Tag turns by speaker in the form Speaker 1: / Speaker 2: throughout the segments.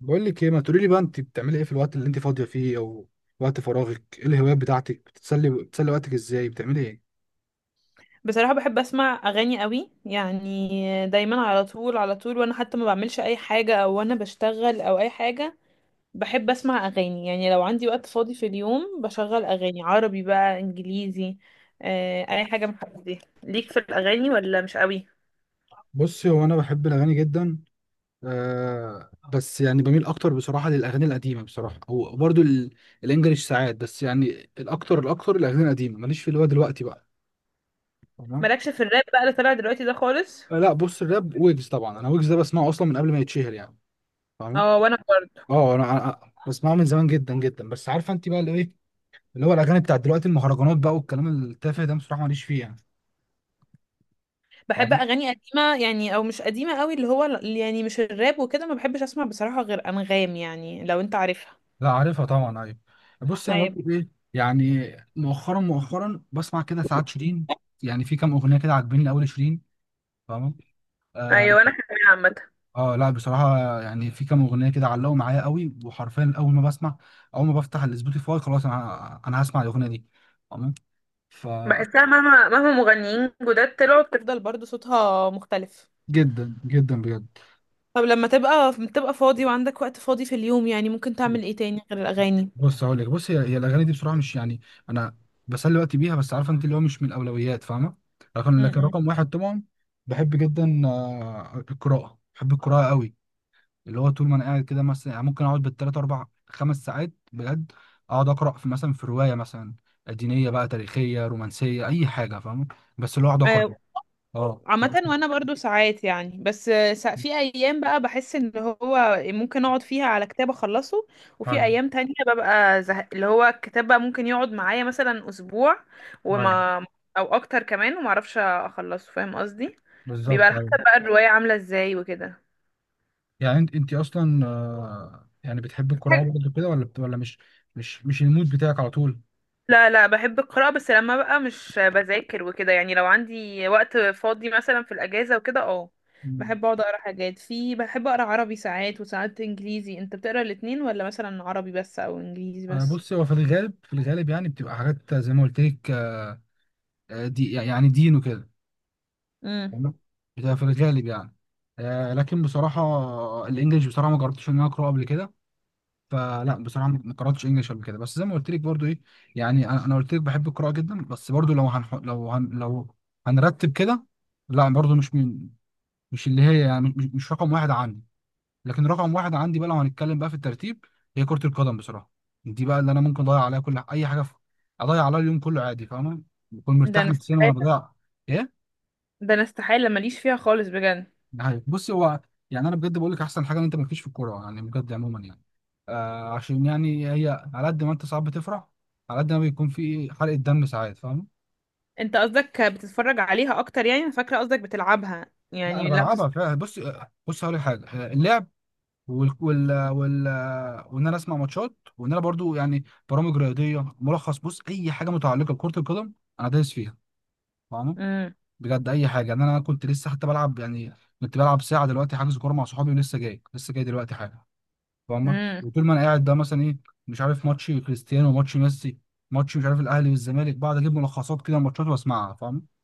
Speaker 1: بقول لك ايه، ما تقولي لي بقى انت بتعملي ايه في الوقت اللي انت فاضيه فيه او وقت فراغك؟ ايه الهوايات بتاعتك؟ بتتسلي بتسلي وقتك ازاي؟ بتعملي ايه؟
Speaker 2: بصراحة بحب أسمع أغاني قوي، يعني دايما على طول وأنا حتى ما بعملش أي حاجة أو أنا بشتغل أو أي حاجة. بحب أسمع أغاني يعني، لو عندي وقت فاضي في اليوم بشغل أغاني عربي بقى إنجليزي. أي حاجة من الحاجات دي ليك في الأغاني ولا مش قوي؟
Speaker 1: بصي، هو انا بحب الاغاني جدا. آه بس يعني بميل اكتر بصراحه للاغاني القديمه بصراحه، او برضو الانجليش ساعات، بس يعني الاكتر الاغاني القديمه. ماليش في اللي هو دلوقتي بقى. تمام.
Speaker 2: مالكش في الراب بقى اللي طالع دلوقتي ده خالص؟
Speaker 1: آه لا، بص الراب ويجز طبعا، انا ويجز ده بسمعه اصلا من قبل ما يتشهر يعني. فاهم؟
Speaker 2: اه، وانا برضه.
Speaker 1: اه، انا بسمعه من زمان جدا جدا، بس عارفه انت بقى اللي ايه، اللي هو الاغاني بتاعت دلوقتي المهرجانات بقى والكلام التافه ده بصراحه ماليش فيه يعني.
Speaker 2: بحب
Speaker 1: فاهم؟
Speaker 2: اغاني قديمه يعني، او مش قديمه قوي، اللي هو اللي يعني مش الراب وكده ما بحبش اسمع بصراحه غير انغام، يعني لو انت عارفها.
Speaker 1: لا عارفها طبعا، ايوه. بص انا
Speaker 2: ايوه،
Speaker 1: برضو ايه، يعني مؤخرا بسمع كده ساعات شيرين، يعني في كام اغنيه كده عاجبيني قوي شيرين. فاهمه؟ آه,
Speaker 2: ايوه انا كمان عامه.
Speaker 1: اه لا بصراحه يعني في كام اغنيه كده علقوا معايا قوي وحرفيا اول ما بفتح السبوتيفاي، خلاص انا هسمع الاغنيه دي. فاهمه ف
Speaker 2: بحسها مهما مغنيين جداد طلعوا بتفضل برضو صوتها مختلف.
Speaker 1: جدا جدا بجد.
Speaker 2: طب لما تبقى فاضي وعندك وقت فاضي في اليوم، يعني ممكن تعمل ايه تاني غير الاغاني؟
Speaker 1: بص هقول لك، هي الاغاني دي بصراحه مش يعني انا بسلي وقتي بيها، بس عارفه انت اللي هو مش من الاولويات فاهمه. لكن
Speaker 2: م-م.
Speaker 1: رقم واحد طبعا بحب جدا، القراءه. بحب القراءه قوي، اللي هو طول ما انا قاعد كده مثلا يعني ممكن اقعد بالثلاث اربع خمس ساعات بجد، اقعد اقرا في مثلا في روايه مثلا دينيه بقى، تاريخيه، رومانسيه، اي حاجه فاهمه. بس اللي هو اقعد اقرا.
Speaker 2: آه،
Speaker 1: اه
Speaker 2: عامة وانا برضو ساعات، يعني بس في ايام بقى بحس ان هو ممكن اقعد فيها على كتاب اخلصه، وفي
Speaker 1: ايوه
Speaker 2: ايام تانية ببقى زهق، اللي هو الكتاب بقى ممكن يقعد معايا مثلا اسبوع
Speaker 1: ايوه
Speaker 2: وما او اكتر كمان، وما اعرفش اخلصه، فاهم قصدي؟ بيبقى
Speaker 1: بالظبط،
Speaker 2: على
Speaker 1: ايوه.
Speaker 2: حسب بقى الرواية عاملة ازاي وكده.
Speaker 1: يعني انت اصلا يعني بتحب القراءه برضه كده، ولا مش مش المود بتاعك على طول؟
Speaker 2: لا، بحب القراءة، بس لما بقى مش بذاكر وكده، يعني لو عندي وقت فاضي مثلا في الأجازة وكده اه،
Speaker 1: مم.
Speaker 2: بحب اقعد اقرا حاجات في، بحب اقرا عربي ساعات وساعات انجليزي. انت بتقرا الاتنين ولا مثلا عربي بس او انجليزي بس؟
Speaker 1: بص هو في الغالب يعني بتبقى حاجات زي ما قلت لك، دي يعني دين وكده.
Speaker 2: امم.
Speaker 1: تمام؟ بتبقى في الغالب يعني لكن بصراحه الانجليش بصراحه ما جربتش ان انا اقراه قبل كده. فلا بصراحه ما قراتش انجليش قبل كده، بس زي ما قلت لك برضه ايه، يعني انا قلت لك بحب القراءه جدا، بس برضه لو لو هنرتب كده، لا برضه مش من، مش اللي هي يعني مش رقم واحد عندي. لكن رقم واحد عندي بقى لو هنتكلم بقى في الترتيب هي كرة القدم بصراحة. دي بقى اللي انا ممكن اضيع عليها كل اي حاجة، اضيع عليها اليوم كله عادي فاهمة، بكون
Speaker 2: ده
Speaker 1: مرتاح
Speaker 2: انا
Speaker 1: نفسيا وانا
Speaker 2: استحالة.
Speaker 1: بضيع. ايه؟
Speaker 2: ده انا استحالة ماليش فيها خالص بجد.
Speaker 1: ده حقيقي. بص هو يعني انا بجد بقول لك احسن حاجة ان انت مالكيش في الكورة يعني بجد عموما يعني. آه، عشان يعني هي على قد ما انت ساعات بتفرح على قد ما بيكون في حرقة دم ساعات فاهم.
Speaker 2: انت قصدك بتتفرج عليها اكتر؟ يعني انا فاكرة قصدك بتلعبها،
Speaker 1: لا انا
Speaker 2: يعني لا بتتفرج.
Speaker 1: بلعبها فعلا، بص هقول لك حاجة، اللعب وال وال وال وان انا اسمع ماتشات، وان انا برضو يعني برامج رياضيه، ملخص، بص اي حاجه متعلقه بكره القدم انا دايس فيها فاهمه.
Speaker 2: امم.
Speaker 1: بجد اي حاجه، يعني انا كنت لسه حتى بلعب، يعني كنت بلعب ساعه دلوقتي، حجز كوره مع صحابي، ولسه جاي دلوقتي حاجه فاهمه.
Speaker 2: امم.
Speaker 1: وطول ما انا قاعد ده مثلا ايه، مش عارف ماتش كريستيانو، ماتش ميسي، ماتش مش عارف الاهلي والزمالك، بعد اجيب ملخصات كده ماتشات واسمعها فاهمه.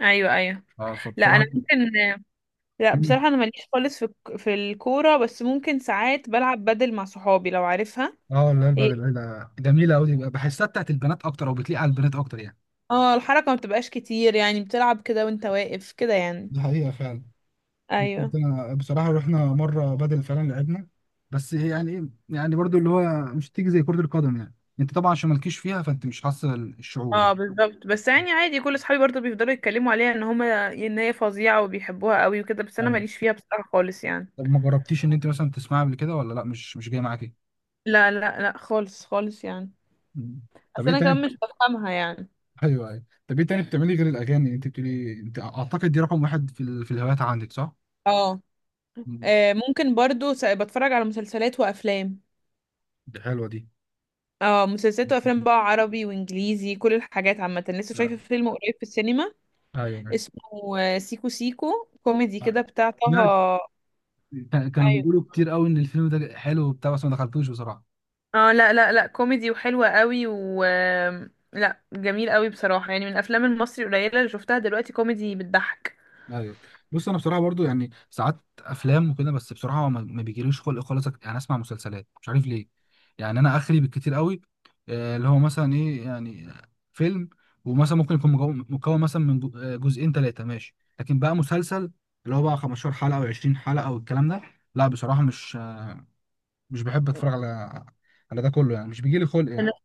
Speaker 2: ايوه، ايوه.
Speaker 1: اه
Speaker 2: لا انا
Speaker 1: فبصراحه.
Speaker 2: ممكن. لا بصراحة أنا ماليش خالص في في الكورة، بس ممكن ساعات بلعب بدل مع صحابي لو عارفها.
Speaker 1: اه لا،
Speaker 2: هي
Speaker 1: البدل ده جميله قوي، بحسها بتاعت البنات اكتر او بتليق على البنات اكتر يعني.
Speaker 2: اه الحركة ما بتبقاش كتير، يعني بتلعب كده وانت واقف كده يعني.
Speaker 1: دي حقيقة فعلا.
Speaker 2: ايوه.
Speaker 1: كنت انا بصراحه رحنا مره بدل فعلا لعبنا، بس هي يعني ايه، يعني برضو اللي هو مش تيجي زي كره القدم يعني. انت طبعا عشان مالكيش فيها فانت مش حاسه الشعور
Speaker 2: اه
Speaker 1: يعني.
Speaker 2: بالظبط، بس يعني عادي كل صحابي برضه بيفضلوا يتكلموا عليها ان هما ان هي فظيعة وبيحبوها قوي وكده، بس انا
Speaker 1: ايوه.
Speaker 2: ماليش فيها بصراحة خالص يعني.
Speaker 1: طب ما جربتيش ان انت مثلا تسمعها قبل كده ولا لا؟ مش جاي معاك ايه؟
Speaker 2: لا، خالص خالص يعني.
Speaker 1: مم. طب
Speaker 2: بس
Speaker 1: ايه
Speaker 2: انا
Speaker 1: تاني؟
Speaker 2: كمان مش بفهمها يعني.
Speaker 1: ايوه ايوه، طب ايه تاني بتعملي غير الاغاني؟ انت بتقولي انت، اعتقد دي رقم واحد في الهوايات عندك صح؟
Speaker 2: اه.
Speaker 1: مم.
Speaker 2: ممكن برضو بتفرج على مسلسلات وافلام.
Speaker 1: دي حلوه دي.
Speaker 2: اه، مسلسلات
Speaker 1: مم.
Speaker 2: وافلام بقى عربي وانجليزي كل الحاجات عامه. لسه
Speaker 1: آه،
Speaker 2: شايفه فيلم قريب في السينما
Speaker 1: ايوه ايوه.
Speaker 2: اسمه سيكو سيكو، كوميدي
Speaker 1: آه.
Speaker 2: كده بتاع طه.
Speaker 1: يعني كانوا
Speaker 2: ايوه.
Speaker 1: بيقولوا كتير قوي ان الفيلم ده حلو وبتاع، بس ما دخلتوش بصراحه.
Speaker 2: اه، لا كوميدي وحلوه قوي و لا جميل قوي بصراحه، يعني من الافلام المصري القليله اللي شفتها دلوقتي كوميدي بتضحك.
Speaker 1: ايوه. بص انا بصراحه برضو يعني ساعات افلام وكده، بس بصراحه ما بيجيليش خلق خالص يعني اسمع مسلسلات مش عارف ليه. يعني انا اخري بالكتير قوي اللي هو مثلا ايه يعني فيلم، ومثلا ممكن يكون مكون مثلا من جزئين ثلاثه ماشي، لكن بقى مسلسل اللي هو بقى 15 حلقه او 20 حلقه او الكلام ده، لا بصراحه مش بحب اتفرج على ده كله يعني مش بيجيلي خلق
Speaker 2: انا،
Speaker 1: يعني.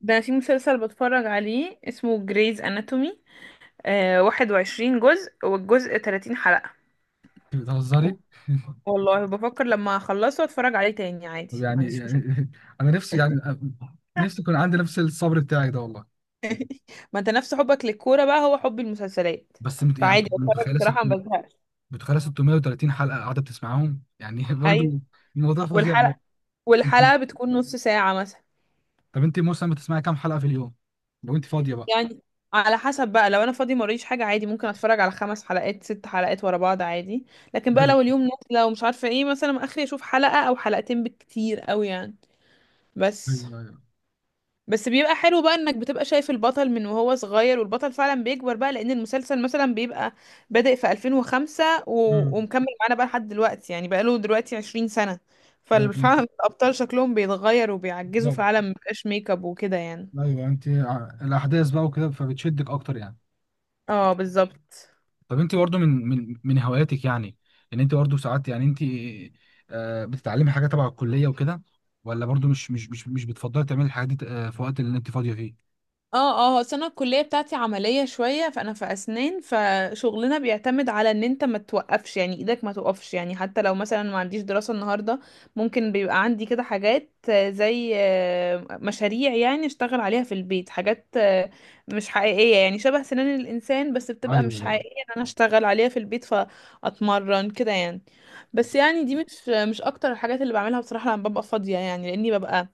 Speaker 2: ده أنا في مسلسل بتفرج عليه اسمه جريز اناتومي، آه 21 جزء والجزء 30 حلقه.
Speaker 1: بتهزري؟
Speaker 2: والله بفكر لما اخلصه اتفرج عليه تاني عادي،
Speaker 1: طب
Speaker 2: ما
Speaker 1: يعني.
Speaker 2: عنديش مشكله.
Speaker 1: انا نفسي يعني نفسي يكون عندي نفس الصبر بتاعك ده والله.
Speaker 2: ما انت نفس حبك للكورة بقى هو حب المسلسلات.
Speaker 1: بس مت- يعني
Speaker 2: فعادي بتفرج
Speaker 1: متخيله ست-
Speaker 2: بصراحة، ما بزهقش.
Speaker 1: متخيله 630 حلقه قاعده بتسمعهم يعني
Speaker 2: ايوه.
Speaker 1: برضو. الموضوع فظيع أوي.
Speaker 2: والحلقة والحلقة بتكون نص ساعة مثلا.
Speaker 1: طب انت مثلا بتسمعي كام حلقه في اليوم لو انت فاضيه بقى؟
Speaker 2: يعني على حسب بقى، لو انا فاضي موريش حاجة عادي ممكن اتفرج على خمس حلقات ست حلقات ورا بعض عادي، لكن بقى لو اليوم نازلة ومش عارفة ايه مثلا، اخري اشوف حلقة او حلقتين بالكتير قوي يعني. بس
Speaker 1: ايوه ايوه.
Speaker 2: بس بيبقى حلو بقى انك بتبقى شايف البطل من وهو صغير، والبطل فعلا بيكبر بقى لان المسلسل مثلا بيبقى بادئ في 2005 و...
Speaker 1: امم.
Speaker 2: ومكمل معانا بقى لحد دلوقتي، يعني بقى له دلوقتي 20 سنة.
Speaker 1: ايوه
Speaker 2: ففعلا الابطال شكلهم بيتغير وبيعجزوا
Speaker 1: بالظبط.
Speaker 2: فعلا، مبقاش ميك اب وكده يعني.
Speaker 1: ايوه انت الاحداث بقى وكده فبتشدك اكتر يعني.
Speaker 2: اه بالظبط.
Speaker 1: طب انت برضو من هواياتك، يعني ان انت برضو ساعات يعني انت بتتعلمي حاجه تبع الكليه وكده، ولا برضو مش بتفضلي تعملي الحاجات دي في وقت اللي انت فاضيه فيه؟
Speaker 2: اه، اه السنة الكلية بتاعتي عملية شوية، فأنا في أسنان فشغلنا بيعتمد على إن أنت ما توقفش، يعني إيدك ما توقفش، يعني حتى لو مثلا ما عنديش دراسة النهاردة ممكن بيبقى عندي كده حاجات زي مشاريع، يعني أشتغل عليها في البيت، حاجات مش حقيقية يعني، شبه سنان الإنسان بس بتبقى
Speaker 1: ايوه
Speaker 2: مش
Speaker 1: ايوه
Speaker 2: حقيقية، إن أنا أشتغل عليها في البيت فأتمرن كده يعني. بس
Speaker 1: بالظبط.
Speaker 2: يعني دي مش أكتر الحاجات اللي بعملها بصراحة لما ببقى فاضية، يعني لأني ببقى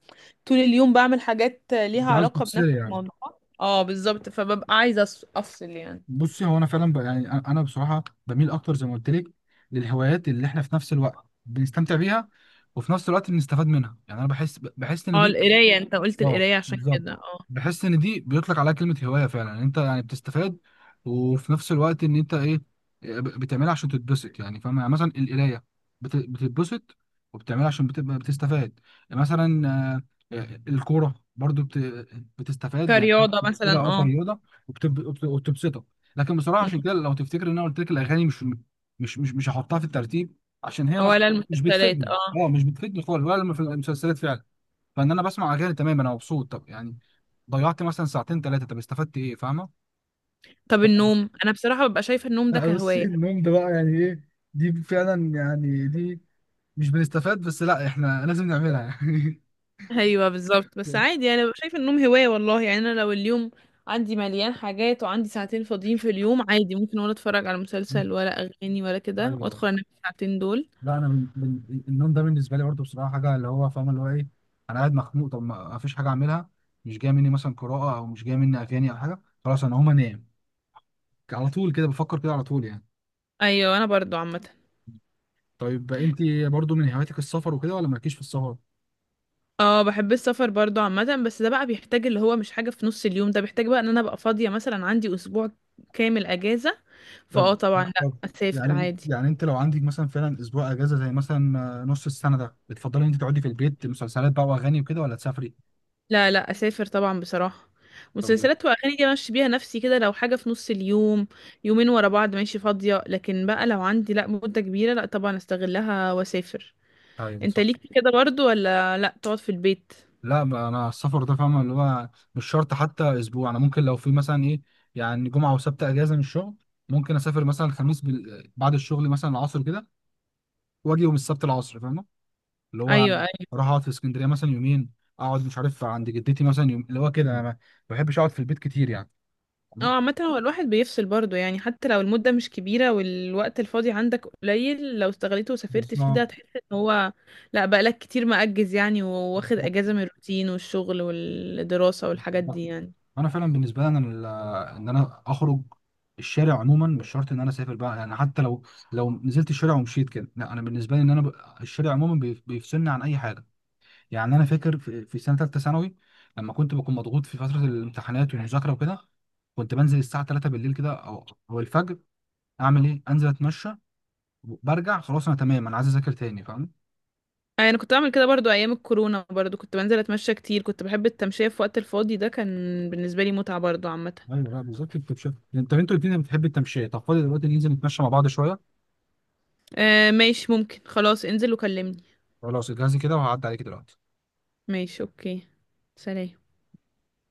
Speaker 2: طول اليوم بعمل حاجات ليها
Speaker 1: انت عايز
Speaker 2: علاقة بنفس
Speaker 1: تفصلي يعني.
Speaker 2: الموضوع، اه بالظبط، فببقى عايزة أفصل يعني.
Speaker 1: بصي هو انا فعلا يعني انا بصراحه بميل اكتر زي ما قلت لك للهوايات اللي احنا في نفس الوقت بنستمتع بيها وفي نفس الوقت بنستفاد منها، يعني انا بحس ان
Speaker 2: اه
Speaker 1: دي
Speaker 2: القراية، انت قلت
Speaker 1: اه
Speaker 2: القراية عشان
Speaker 1: بالظبط،
Speaker 2: كده اه.
Speaker 1: بحس ان دي بيطلق عليها كلمه هوايه فعلا، إن انت يعني بتستفاد وفي نفس الوقت ان انت ايه بتعملها عشان تتبسط، يعني فاهم يعني مثلا القرايه بتتبسط وبتعملها عشان بتبقى بتستفاد. مثلا الكوره برضو بتستفاد يعني
Speaker 2: كرياضة مثلا
Speaker 1: كده او
Speaker 2: اه.
Speaker 1: كرياضه وبتبسطك. لكن بصراحه
Speaker 2: مم.
Speaker 1: عشان كده لو تفتكر ان انا قلت لك الاغاني مش، مش هحطها في الترتيب عشان هي
Speaker 2: ولا
Speaker 1: مش
Speaker 2: المسلسلات
Speaker 1: بتفيدني.
Speaker 2: اه.
Speaker 1: اه مش بتفيدني خالص ولا لما في المسلسلات فعلا، فان انا بسمع اغاني تمام انا مبسوط، طب يعني ضيعت مثلا ساعتين ثلاثه، طب استفدت ايه فاهمه.
Speaker 2: طب
Speaker 1: ف-
Speaker 2: النوم، انا بصراحة ببقى شايفة النوم ده
Speaker 1: لا بص
Speaker 2: كهواية.
Speaker 1: النوم ده بقى يعني ايه، دي فعلا يعني دي مش بنستفاد بس لا احنا لازم نعملها يعني.
Speaker 2: ايوه بالظبط، بس عادي يعني ببقى شايفة النوم هواية والله، يعني انا لو اليوم عندي مليان حاجات وعندي ساعتين فاضيين في اليوم عادي ممكن، ولا اتفرج على مسلسل ولا اغاني ولا كده،
Speaker 1: ايوه.
Speaker 2: وادخل انام في الساعتين دول.
Speaker 1: لا، النوم ده بالنسبه لي برضه بصراحه حاجه اللي هو فاهم اللي هو ايه، انا قاعد مخنوق طب ما ما فيش حاجه اعملها، مش جايه مني مثلا قراءه او مش جايه مني اغاني او حاجه، خلاص انا هقوم انام على طول، كده بفكر كده على طول يعني.
Speaker 2: ايوه انا برضو عامة.
Speaker 1: طيب انت برضه من هواياتك السفر وكده ولا مالكيش في السفر؟
Speaker 2: اه بحب السفر برضو عامة، بس ده بقى بيحتاج، اللي هو مش حاجة في نص اليوم، ده بيحتاج بقى ان انا ابقى فاضية مثلا عندي اسبوع كامل اجازة،
Speaker 1: طب
Speaker 2: فاه طبعا لا
Speaker 1: طب
Speaker 2: اسافر
Speaker 1: يعني
Speaker 2: عادي.
Speaker 1: يعني انت لو عندك مثلا فعلا اسبوع اجازه زي مثلا نص السنه ده، بتفضلي ان انت تقعدي في البيت مسلسلات بقى واغاني وكده ولا تسافري؟
Speaker 2: لا اسافر طبعا بصراحة،
Speaker 1: طب
Speaker 2: مسلسلات واغاني دي ماشي بيها نفسي كده لو حاجة في نص اليوم، يومين ورا بعض ماشي فاضية، لكن بقى لو عندي، لا مدة كبيرة لا طبعا استغلها واسافر.
Speaker 1: ايوه
Speaker 2: انت
Speaker 1: صح.
Speaker 2: ليك في كده برضو ولا لا تقعد في البيت؟
Speaker 1: لا ما انا السفر ده فاهمه اللي هو مش شرط حتى اسبوع، انا ممكن لو في مثلا ايه، يعني جمعه وسبت اجازه من الشغل، ممكن اسافر مثلا الخميس بعد الشغل مثلا العصر كده واجي يوم السبت العصر فاهمه؟ اللي هو
Speaker 2: ايوه.
Speaker 1: اروح اقعد في اسكندريه مثلا يومين، اقعد مش عارف عند جدتي مثلا يوم، اللي هو كده انا ما بحبش اقعد في البيت كتير يعني.
Speaker 2: اه عامة هو الواحد بيفصل برضه، يعني حتى لو المدة مش كبيرة والوقت الفاضي عندك قليل لو استغليته وسافرت فيه ده
Speaker 1: بالظبط.
Speaker 2: هتحس ان هو لا بقالك كتير مأجز يعني، وواخد
Speaker 1: بالظبط.
Speaker 2: اجازة من الروتين والشغل والدراسة والحاجات دي يعني.
Speaker 1: انا فعلا بالنسبه لي انا ان انا اخرج الشارع عموما، مش شرط ان انا اسافر بقى يعني، حتى لو لو نزلت الشارع ومشيت كده، لا انا بالنسبه لي ان انا الشارع عموما بيفصلني عن اي حاجه. يعني انا فاكر في سنه ثالثه ثانوي لما كنت بكون مضغوط في فتره الامتحانات والمذاكره وكده كنت بنزل الساعه 3 بالليل كده او الفجر، اعمل ايه، انزل اتمشى برجع خلاص انا تمام انا عايز اذاكر تاني فاهم.
Speaker 2: يعني انا كنت بعمل كده برضه ايام الكورونا، برضه كنت بنزل اتمشى كتير، كنت بحب التمشية في وقت الفاضي ده، كان بالنسبة لي متعة برضه عامة.
Speaker 1: ايوه لا بالظبط التمشيه، انت انتوا الاثنين بتحب التمشيه. طب فاضي دلوقتي ننزل نتمشى مع بعض شويه؟
Speaker 2: آه ماشي، ممكن خلاص انزل وكلمني.
Speaker 1: خلاص اجهزي كده وهعدي عليك دلوقتي.
Speaker 2: ماشي اوكي. سلام.